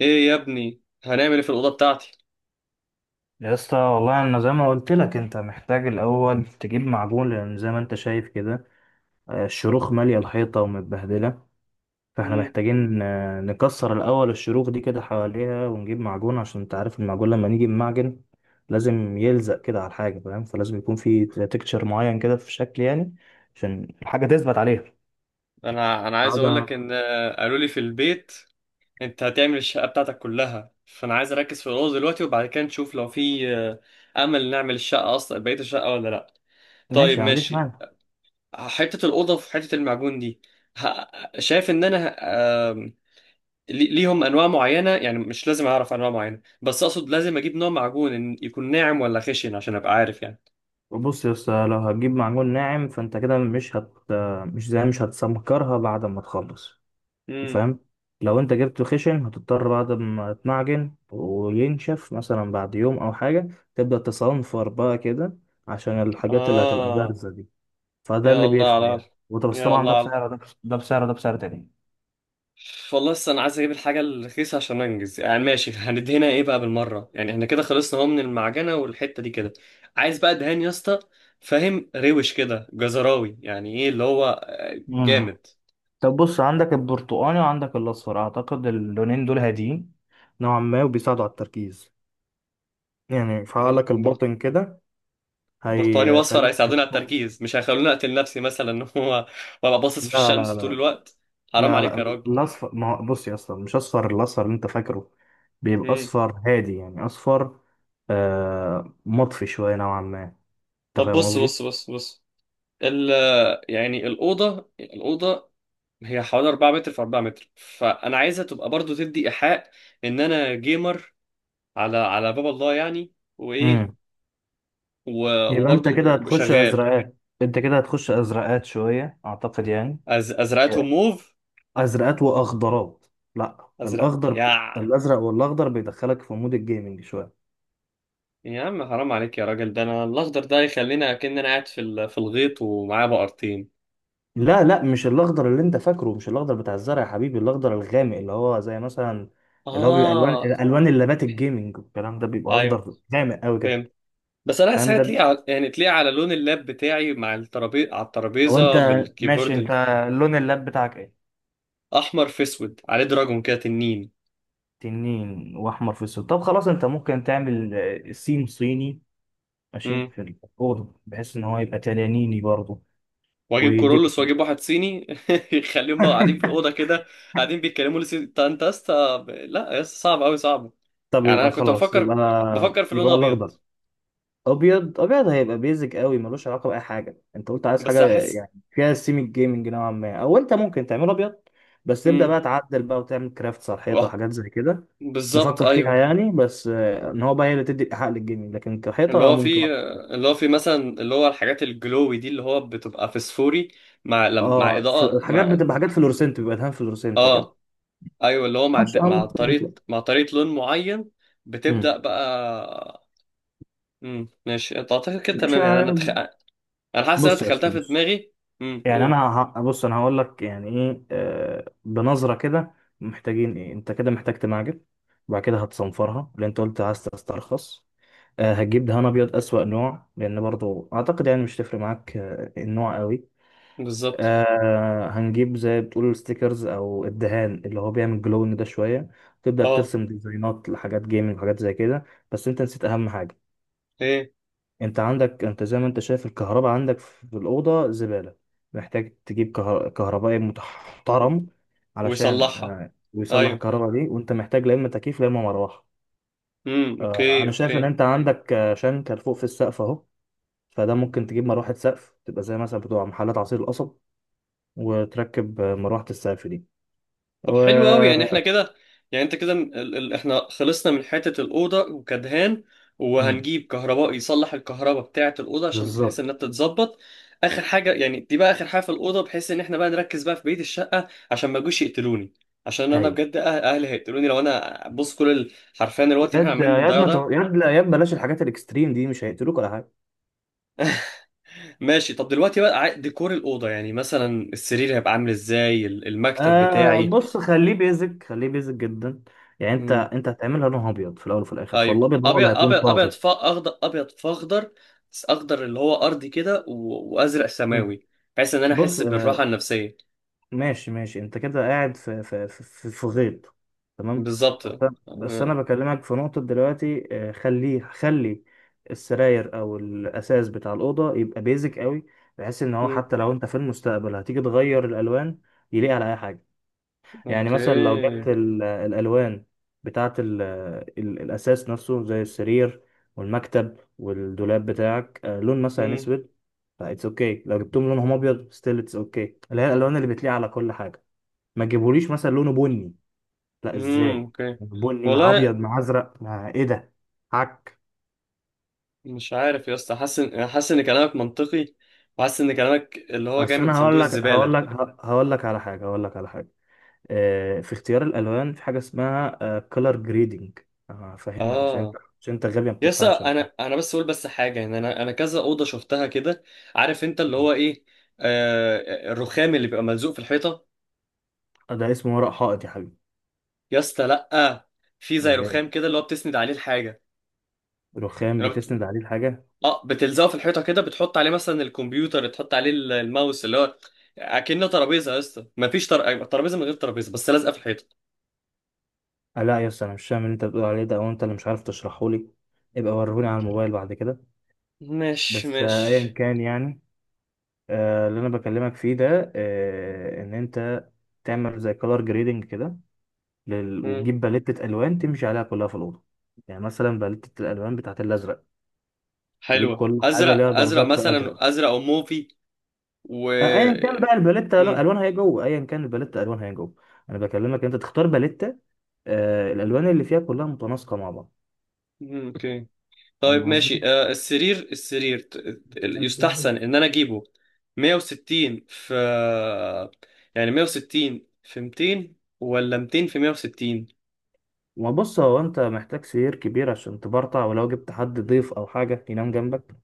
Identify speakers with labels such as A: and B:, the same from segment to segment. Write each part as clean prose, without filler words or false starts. A: ايه يا ابني هنعمل ايه في الاوضه بتاعتي.
B: يا اسطى، والله انا زي ما قلت لك، انت محتاج الاول تجيب معجون، لان زي ما انت شايف كده، الشروخ ماليه الحيطه ومتبهدله. فاحنا
A: مم.
B: محتاجين نكسر الاول الشروخ دي كده حواليها ونجيب معجون، عشان انت عارف المعجون لما نيجي بمعجن لازم يلزق كده على الحاجه، فاهم؟ فلازم يكون في تكتشر معين كده، في شكل يعني، عشان الحاجه تثبت عليها.
A: انا عايز
B: بعد.
A: اقول لك ان قالوا لي في البيت انت هتعمل الشقه بتاعتك كلها فانا عايز اركز في الاوضه دلوقتي وبعد كده نشوف لو في امل نعمل الشقه اصلا بقيه الشقه ولا لا. طيب
B: ماشي، ما عنديش
A: ماشي.
B: مانع.
A: حته الاوضه في حته المعجون دي شايف ان انا آم، ليهم انواع معينه يعني مش لازم اعرف انواع معينه بس اقصد لازم اجيب نوع معجون إن يكون ناعم ولا خشن عشان ابقى عارف يعني.
B: بص يا اسطى، لو هتجيب معجون ناعم فانت كده مش هت آه، مش زي مش هتسمكرها بعد ما تخلص،
A: امم.
B: فاهم؟ لو انت جبته خشن، هتضطر بعد ما تمعجن وينشف مثلا بعد يوم او حاجة تبدأ تصنفر بقى كده، عشان الحاجات اللي هتبقى
A: اه.
B: بارزة دي. فده
A: يا
B: اللي
A: الله على
B: بيفرق يعني،
A: العظيم.
B: وده بس
A: يا
B: طبعا
A: الله
B: ده
A: على العظيم.
B: بسعر ده بسعر تاني.
A: والله لسه انا عايز اجيب الحاجه الرخيصه عشان انجز، يعني ماشي هندهنها ايه بقى بالمره؟ يعني احنا كده خلصنا اهو من المعجنه والحته دي كده. عايز بقى دهان يا اسطى، فاهم؟ روش كده جزراوي، يعني ايه اللي هو
B: مم.
A: جامد.
B: طب بص، عندك البرتقاني وعندك الاصفر، اعتقد اللونين دول هاديين نوعا ما، وبيساعدوا على التركيز، يعني
A: بر...
B: فعالك
A: بر...
B: الباطن كده،
A: برتقاني واصفر
B: هيخليك
A: هيساعدوني على
B: تركز.
A: التركيز؟ مش هيخلوني اقتل نفسي مثلا ان هو وابقى باصص في
B: لا لا
A: الشمس طول
B: لا
A: الوقت؟ حرام
B: لا لا،
A: عليك يا راجل.
B: الاصفر، ما هو بص يا، اصلا مش اصفر، الاصفر اللي انت فاكره بيبقى
A: مم.
B: اصفر هادي، يعني اصفر مطفي شويه نوعا ما، انت
A: طب
B: فاهم
A: بص
B: قصدي؟
A: بص بص بص، ال يعني الأوضة هي حوالي 4 متر في 4 متر، فانا عايزها تبقى برضو تدي ايحاء ان انا جيمر، على على باب الله يعني. وايه
B: امم. يبقى انت
A: وبرضو
B: كده هتخش
A: شغال.
B: ازرقات انت كده هتخش ازرقات شويه اعتقد يعني.
A: ازرقتهم موف؟
B: ازرقات واخضرات. لا،
A: ازرق
B: الاخضر.
A: يا.
B: الازرق والاخضر بيدخلك في مود الجيمنج شويه.
A: يا عم حرام عليك يا راجل، ده انا الاخضر ده يخلينا كأن انا قاعد في في الغيط ومعاه بقرتين.
B: لا لا، مش الاخضر اللي انت فاكره، مش الاخضر بتاع الزرع يا حبيبي، الاخضر الغامق اللي هو زي مثلا، اللي هو بيبقى
A: اه.
B: الوان اللابات الجيمنج والكلام ده بيبقى
A: ايوه،
B: اخضر غامق قوي كده.
A: فهمت. بس انا عايز
B: فاهم
A: حاجه تليق
B: ده؟
A: على، يعني تليق على لون اللاب بتاعي مع الترابيزه، على
B: هو انت،
A: الترابيزه
B: ماشي انت،
A: بالكيبورد.
B: لون اللاب بتاعك ايه؟
A: الاحمر في اسود عليه دراجون كده، تنين.
B: تنين واحمر في السود. طب خلاص، انت ممكن تعمل سيم صيني ماشي في الاوضه، بحيث ان هو يبقى تنانيني برضه.
A: واجيب
B: ويديك.
A: كورولوس واجيب واحد صيني يخليهم بقى قاعدين في الاوضه كده، قاعدين بيتكلموا لي انت يا اسطى، لا يا اسطى صعب، قوي صعب.
B: طب
A: يعني انا
B: يبقى
A: كنت
B: خلاص، يبقى
A: بفكر في لون
B: يبقى
A: ابيض
B: الاخضر. ابيض ابيض هيبقى بيزك قوي، ملوش علاقه باي حاجه. انت قلت عايز
A: بس
B: حاجه
A: احس.
B: يعني فيها سيمي جيمنج نوعا ما، او انت ممكن تعمله ابيض بس تبدا
A: امم.
B: بقى تعدل بقى، وتعمل كرافتس على الحيطه
A: وه-
B: وحاجات زي كده.
A: بالظبط
B: نفكر فيها
A: ايوه.
B: يعني، بس ان هو بقى هي اللي تدي الايحاء للجيمنج، لكن
A: اللي
B: كحيطه،
A: هو
B: ممكن.
A: في اللي هو في مثلا اللي هو الحاجات الجلوي دي اللي هو بتبقى فسفوري مع مع
B: اه،
A: اضاءه
B: حاجات
A: مع.
B: بتبقى، حاجات فلورسنت، بيبقى دهان فلورسنت كده.
A: اه. ايوه اللي هو مع
B: ماشي، اه،
A: مع طريقه
B: ممكن.
A: مع طريقه لون معين
B: مم.
A: بتبدا بقى. ماشي، انت اعتقد كده
B: ماشي،
A: تمام يعني، انا انا حاسس إن انا
B: بص يا
A: دخلتها
B: اسطى،
A: في
B: بص.
A: دماغي. امم،
B: يعني انا،
A: قول.
B: بص انا هقول لك يعني ايه، بنظره كده. محتاجين ايه؟ انت كده محتاج تمعجن، وبعد كده هتصنفرها، اللي انت قلت عايز تسترخص. هتجيب دهان ابيض، اسوأ نوع، لان برضو اعتقد يعني مش تفرق معاك النوع قوي.
A: بالظبط.
B: هنجيب زي بتقول ستيكرز، او الدهان اللي هو بيعمل جلون ده شويه، تبدا
A: اه.
B: ترسم ديزاينات لحاجات جيمنج وحاجات زي كده. بس انت نسيت اهم حاجه.
A: ايه
B: انت عندك، انت زي ما انت شايف، الكهرباء عندك في الأوضة زبالة. محتاج تجيب كهربائي محترم علشان،
A: ويصلحها؟
B: ويصلح
A: ايوه.
B: الكهرباء دي، وانت محتاج لا اما تكييف لا اما مروحة.
A: امم. اوكي
B: انا شايف
A: اوكي.
B: ان انت عندك شنكر فوق في السقف اهو، فده ممكن تجيب مروحة سقف تبقى زي مثلا بتوع محلات عصير القصب، وتركب مروحة السقف دي.
A: طب
B: و...
A: حلو قوي، يعني احنا كده، يعني انت كده احنا خلصنا من حتة الأوضة وكدهان،
B: مم،
A: وهنجيب كهرباء يصلح الكهرباء بتاعة الأوضة عشان بحيث
B: بالظبط،
A: انها تتظبط. اخر حاجة يعني، دي بقى اخر حاجة في الأوضة، بحيث ان احنا بقى نركز بقى في بقية الشقة عشان ما يجوش يقتلوني. عشان انا
B: ايوه.
A: بجد اهلي هيقتلوني لو انا بص كل حرفيا الوقت اللي احنا
B: يد
A: عاملين
B: يد
A: بنضيعه
B: ما
A: ده.
B: تو... يد لا يد بلاش الحاجات الاكستريم دي، مش هيقتلوك ولا حاجة.
A: ماشي. طب دلوقتي بقى ديكور الأوضة، يعني مثلا السرير هيبقى عامل ازاي، المكتب بتاعي.
B: بص، خليه بيزك، خليه بيزك جدا. يعني انت
A: امم.
B: انت هتعملها لونها ابيض في الاول وفي الاخر،
A: ايوه،
B: فالابيض هو
A: ابيض
B: اللي هيكون
A: ابيض ابيض،
B: طاغي.
A: ف اخضر، ابيض في اخضر، بس اخضر اللي هو ارضي كده وازرق
B: مم.
A: سماوي، بحيث ان انا
B: بص
A: احس بالراحة النفسية.
B: ماشي ماشي، انت كده قاعد في غيط. تمام.
A: بالظبط.
B: بس أنا
A: آه.
B: بكلمك في نقطة دلوقتي، خلي السراير او الاساس بتاع الاوضة يبقى بيزك قوي، بحيث ان هو
A: مم.
B: حتى لو انت في المستقبل هتيجي تغير الالوان يليق على اي حاجة. يعني مثلا لو جبت،
A: اوكي.
B: اوكي، الألوان بتاعة الأساس نفسه زي السرير والمكتب والدولاب بتاعك لون مثلا
A: مم.
B: أسود. فإتس أوكي لو جبتهم لونهم أبيض، ستيل إتس أوكي، اللي هي الألوان اللي بتليق على كل حاجة. ما تجيبوليش مثلا لونه بني. لا،
A: مم.
B: إزاي
A: اوكي.
B: بني مع
A: والله
B: أبيض مع أزرق مع إيه ده؟ عك.
A: مش عارف يا اسطى، حاسس حاسس ان كلامك منطقي، وحاسس ان كلامك اللي هو جاي
B: أصل
A: من
B: أنا
A: صندوق
B: هقول لك، هقول لك،
A: الزبالة.
B: هقول لك على حاجة، هقول لك على حاجة، في اختيار الألوان في حاجة اسمها كولر جريدنج، هفهمك عشان انت،
A: اه.
B: عشان انت غبي ما
A: يس،
B: بتفهمش انا.
A: انا بس اقول بس حاجه، ان انا كذا اوضه شفتها كده، عارف انت اللي هو ايه؟ آه، الرخام اللي بيبقى ملزوق في الحيطه.
B: ده اسمه ورق حائط يا حبيبي.
A: يا اسطى لا، في زي
B: امال ايه؟
A: رخام كده اللي هو بتسند عليه الحاجه.
B: رخام
A: أنا بت...
B: بتسند عليه الحاجه؟
A: اه بتلزقه في الحيطه كده، بتحط عليه مثلا الكمبيوتر، تحط عليه الماوس، اللي هو اكنه ترابيزه يا اسطى. مفيش ترابيزه من غير ترابيزه، بس لازقه في الحيطه.
B: لا يا اسطى، انا مش فاهم اللي انت بتقول عليه ده، او انت اللي مش عارف تشرحه لي. ابقى وريهولي على الموبايل بعد كده.
A: ماشي
B: بس ايا
A: ماشي.
B: كان يعني. اللي انا بكلمك فيه ده، ان انت تعمل زي كولر جريدنج كده،
A: مم.
B: وتجيب باليتة الوان تمشي عليها كلها في الاوضه. يعني مثلا باليتة الالوان بتاعت الازرق، تجيب
A: حلوة،
B: كل حاجه
A: ازرق
B: ليها
A: ازرق
B: درجات في ازرق.
A: مثلا، ازرق او موفي. و.
B: ايا كان بقى الباليتة
A: مم.
B: الوانها ايه جوه، انا بكلمك إن انت تختار باليتة، الالوان اللي فيها كلها متناسقه مع بعض.
A: مم، اوكي. طيب
B: فاهم
A: ماشي،
B: قصدي؟
A: آه السرير السرير يستحسن ان انا اجيبه 160 في، يعني 160 في 200 ولا 200 في 160؟
B: ما بص، هو انت محتاج سرير كبير عشان تبرطع، ولو جبت حد ضيف او حاجه ينام جنبك،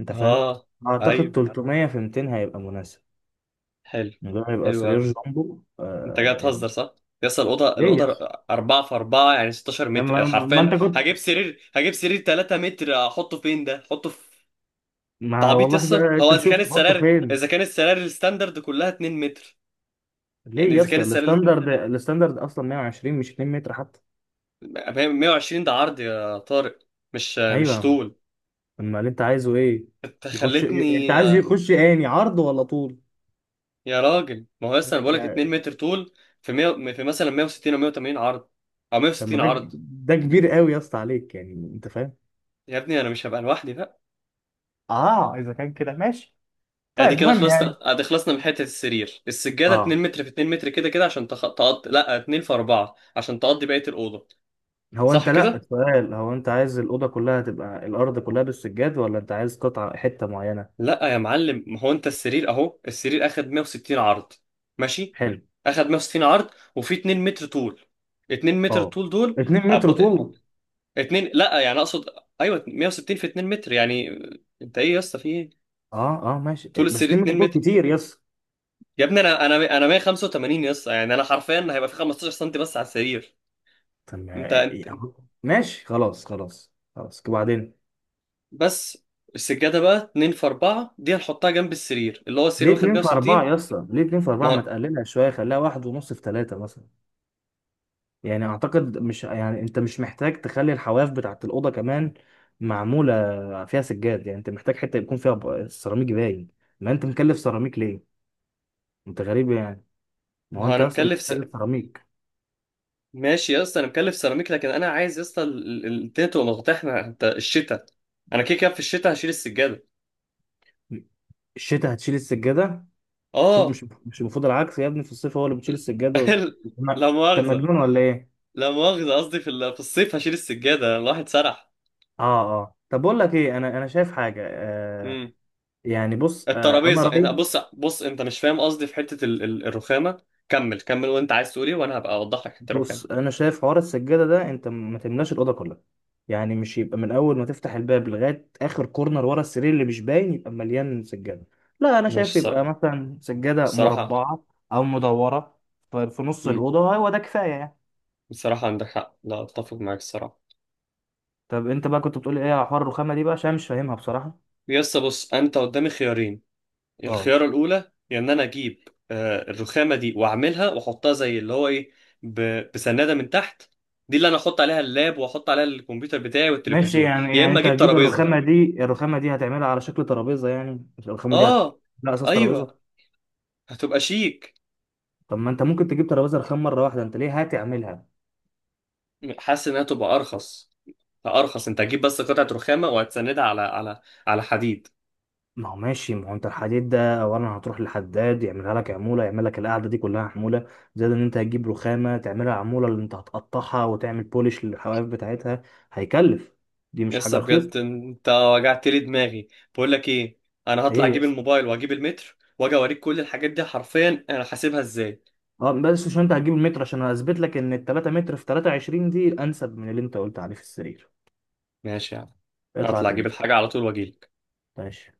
B: انت فاهم؟
A: اه.
B: اعتقد
A: ايوه،
B: 300 في 200 هيبقى مناسب.
A: حلو.
B: ده هيبقى
A: حلو
B: سرير
A: قوي.
B: جامبو
A: انت جاي
B: يعني.
A: تهزر، صح؟ يس، الاوضه
B: ليه
A: الاوضه
B: يس؟
A: 4 في 4 يعني 16
B: يعني
A: متر،
B: ما, ما
A: حرفيا
B: انت كنت
A: هجيب سرير، هجيب سرير 3 متر، احطه فين ده؟ احطه في
B: ما
A: تعبيط؟
B: والله
A: يس،
B: بقى
A: هو
B: انت
A: اذا
B: شوف
A: كان
B: تحطه
A: السرير،
B: فين.
A: اذا كان السرير الستاندرد كلها 2 متر،
B: ليه
A: يعني
B: يا
A: اذا كان
B: اسطى؟
A: السرير
B: الستاندرد، الستاندرد اصلا 120 مش 2 متر حتى.
A: 120 ده عرض يا طارق، مش
B: ايوه.
A: طول.
B: امال انت عايزه ايه؟
A: انت
B: يخش، انت
A: خلتني.
B: عايز يخش اني عرض ولا طول؟
A: يا راجل ما هو لسه انا بقولك 2
B: يعني.
A: متر طول في 100، في مثلا 160 او 180 عرض، او
B: طب ما
A: 160
B: ده،
A: عرض.
B: ده كبير قوي يا اسطى عليك، يعني انت فاهم.
A: يا ابني انا مش هبقى لوحدي بقى.
B: اه، اذا كان كده ماشي.
A: ادي
B: طيب،
A: كده
B: مهم يعني.
A: خلصنا، ادي خلصنا من حته السرير. السجاده
B: اه،
A: 2 متر في 2 متر كده كده عشان تقضي، لا 2 في 4 عشان تقضي بقيه الاوضه.
B: هو انت،
A: صح
B: لا،
A: كده.
B: السؤال هو انت عايز الاوضه كلها تبقى، الارض كلها بالسجاد، ولا انت عايز قطعه حته معينه؟
A: لا يا معلم، ما هو انت السرير اهو، السرير اخد 160 عرض ماشي،
B: حلو.
A: اخد 160 عرض وفي 2 متر طول، 2 متر
B: اه،
A: طول دول.
B: 2
A: أب...
B: متر طول.
A: 2 لا يعني اقصد ايوه، 160 في 2 متر يعني. انت ايه يا اسطى؟ في ايه؟
B: اه اه ماشي،
A: طول
B: بس
A: السرير
B: 2 متر
A: 2 متر،
B: طول كتير يس.
A: يا ابني انا 185 يا اسطى، يعني انا حرفيا هيبقى في 15 سم بس على السرير.
B: طب
A: انت انت
B: إيه، أهو. ماشي، خلاص خلاص خلاص. وبعدين،
A: بس. السجاده بقى 2 في 4 دي هنحطها جنب السرير اللي هو السرير
B: ليه
A: واخد
B: 2 في 4
A: 160.
B: يا اسطى؟ ليه 2 في
A: ما
B: 4؟ ما
A: هو
B: تقللها شويه، خليها واحد ونص في 3 مثلا. يعني اعتقد، مش يعني، انت مش محتاج تخلي الحواف بتاعت الاوضه كمان معموله فيها سجاد. يعني انت محتاج حته يكون فيها سيراميك باين. ما انت مكلف سيراميك ليه؟ انت غريب يعني. ما
A: ما
B: هو
A: هو
B: انت
A: انا
B: اصلا
A: مكلف.
B: محتاج سيراميك.
A: ماشي يا اسطى انا مكلف سيراميك، لكن انا عايز يا اسطى الدنيا تبقى مفتوحه. انت الشتاء، انا كده كده في الشتاء هشيل السجاده.
B: الشتاء هتشيل السجاده؟ المفروض
A: اه.
B: مش، مش المفروض العكس يا ابني. في الصيف هو اللي بتشيل السجاده
A: لا
B: انت
A: مؤاخذه،
B: مجنون ولا ايه؟
A: لا مؤاخذه قصدي في في الصيف هشيل السجاده، الواحد سرح.
B: اه اه. طب بقول لك ايه، انا شايف حاجه
A: امم.
B: يعني. بص انا
A: الترابيزه
B: رايي،
A: انا بص بص انت مش فاهم قصدي في حته الرخامه. كمل كمل وانت عايز تقول ايه وانا هبقى اوضح لك حته الرخامه.
B: بص انا شايف حوار السجاده ده، انت ما تملاش الاوضه كلها. يعني مش يبقى من اول ما تفتح الباب لغايه اخر كورنر ورا السرير اللي مش باين يبقى مليان سجاده. لا، انا شايف
A: ماشي صح.
B: يبقى مثلا سجاده
A: الصراحه.
B: مربعه او مدوره في نص
A: امم.
B: الاوضه، هو ده كفايه يعني.
A: الصراحه عندك حق، لا اتفق معاك الصراحه.
B: طب انت بقى كنت بتقول ايه على حوار الرخامه دي بقى، عشان أنا مش فاهمها بصراحه.
A: يا اسطى بص، انت قدامي خيارين.
B: اه
A: الخيارة الأولى هي إن أنا أجيب الرخامة دي وأعملها وأحطها زي اللي هو إيه، بسنادة من تحت، دي اللي أنا أحط عليها اللاب وأحط عليها الكمبيوتر بتاعي
B: ماشي،
A: والتلفزيون،
B: يعني
A: يا
B: يعني
A: إما
B: انت
A: أجيب
B: هتجيب
A: ترابيزة.
B: الرخامه دي، الرخامه دي هتعملها على شكل ترابيزه يعني، مش الرخامه دي
A: آه.
B: لا، اساس
A: أيوه.
B: ترابيزه.
A: هتبقى شيك.
B: طب ما انت ممكن تجيب ترابيزه رخام مره واحده، انت ليه هتعملها؟
A: حاسس إنها تبقى أرخص، أرخص، أنت هتجيب بس قطعة رخامة وهتسندها على على، على حديد.
B: ما هو ماشي، ما هو انت الحديد ده اولا هتروح لحداد يعملها لك عموله، يعمل لك القعده دي كلها عموله. زائد ان انت هتجيب رخامه تعملها عموله، اللي انت هتقطعها وتعمل بولش للحواف بتاعتها، هيكلف. دي مش حاجه
A: لسه
B: رخيصه.
A: بجد أنت وجعت لي دماغي. بقول لك إيه، أنا هطلع
B: ايه يا
A: أجيب
B: اسطى؟
A: الموبايل وأجيب المتر وأجي أوريك كل الحاجات دي حرفيا أنا حاسبها إزاي.
B: اه، بس عشان انت هتجيب المتر عشان اثبت لك ان ال 3 متر في 23 دي انسب من اللي انت قلت عليه في السرير.
A: ماشي يا عم.
B: اطلع
A: اطلع
B: هات
A: اجيب
B: المتر.
A: الحاجه على طول واجيلك.
B: ماشي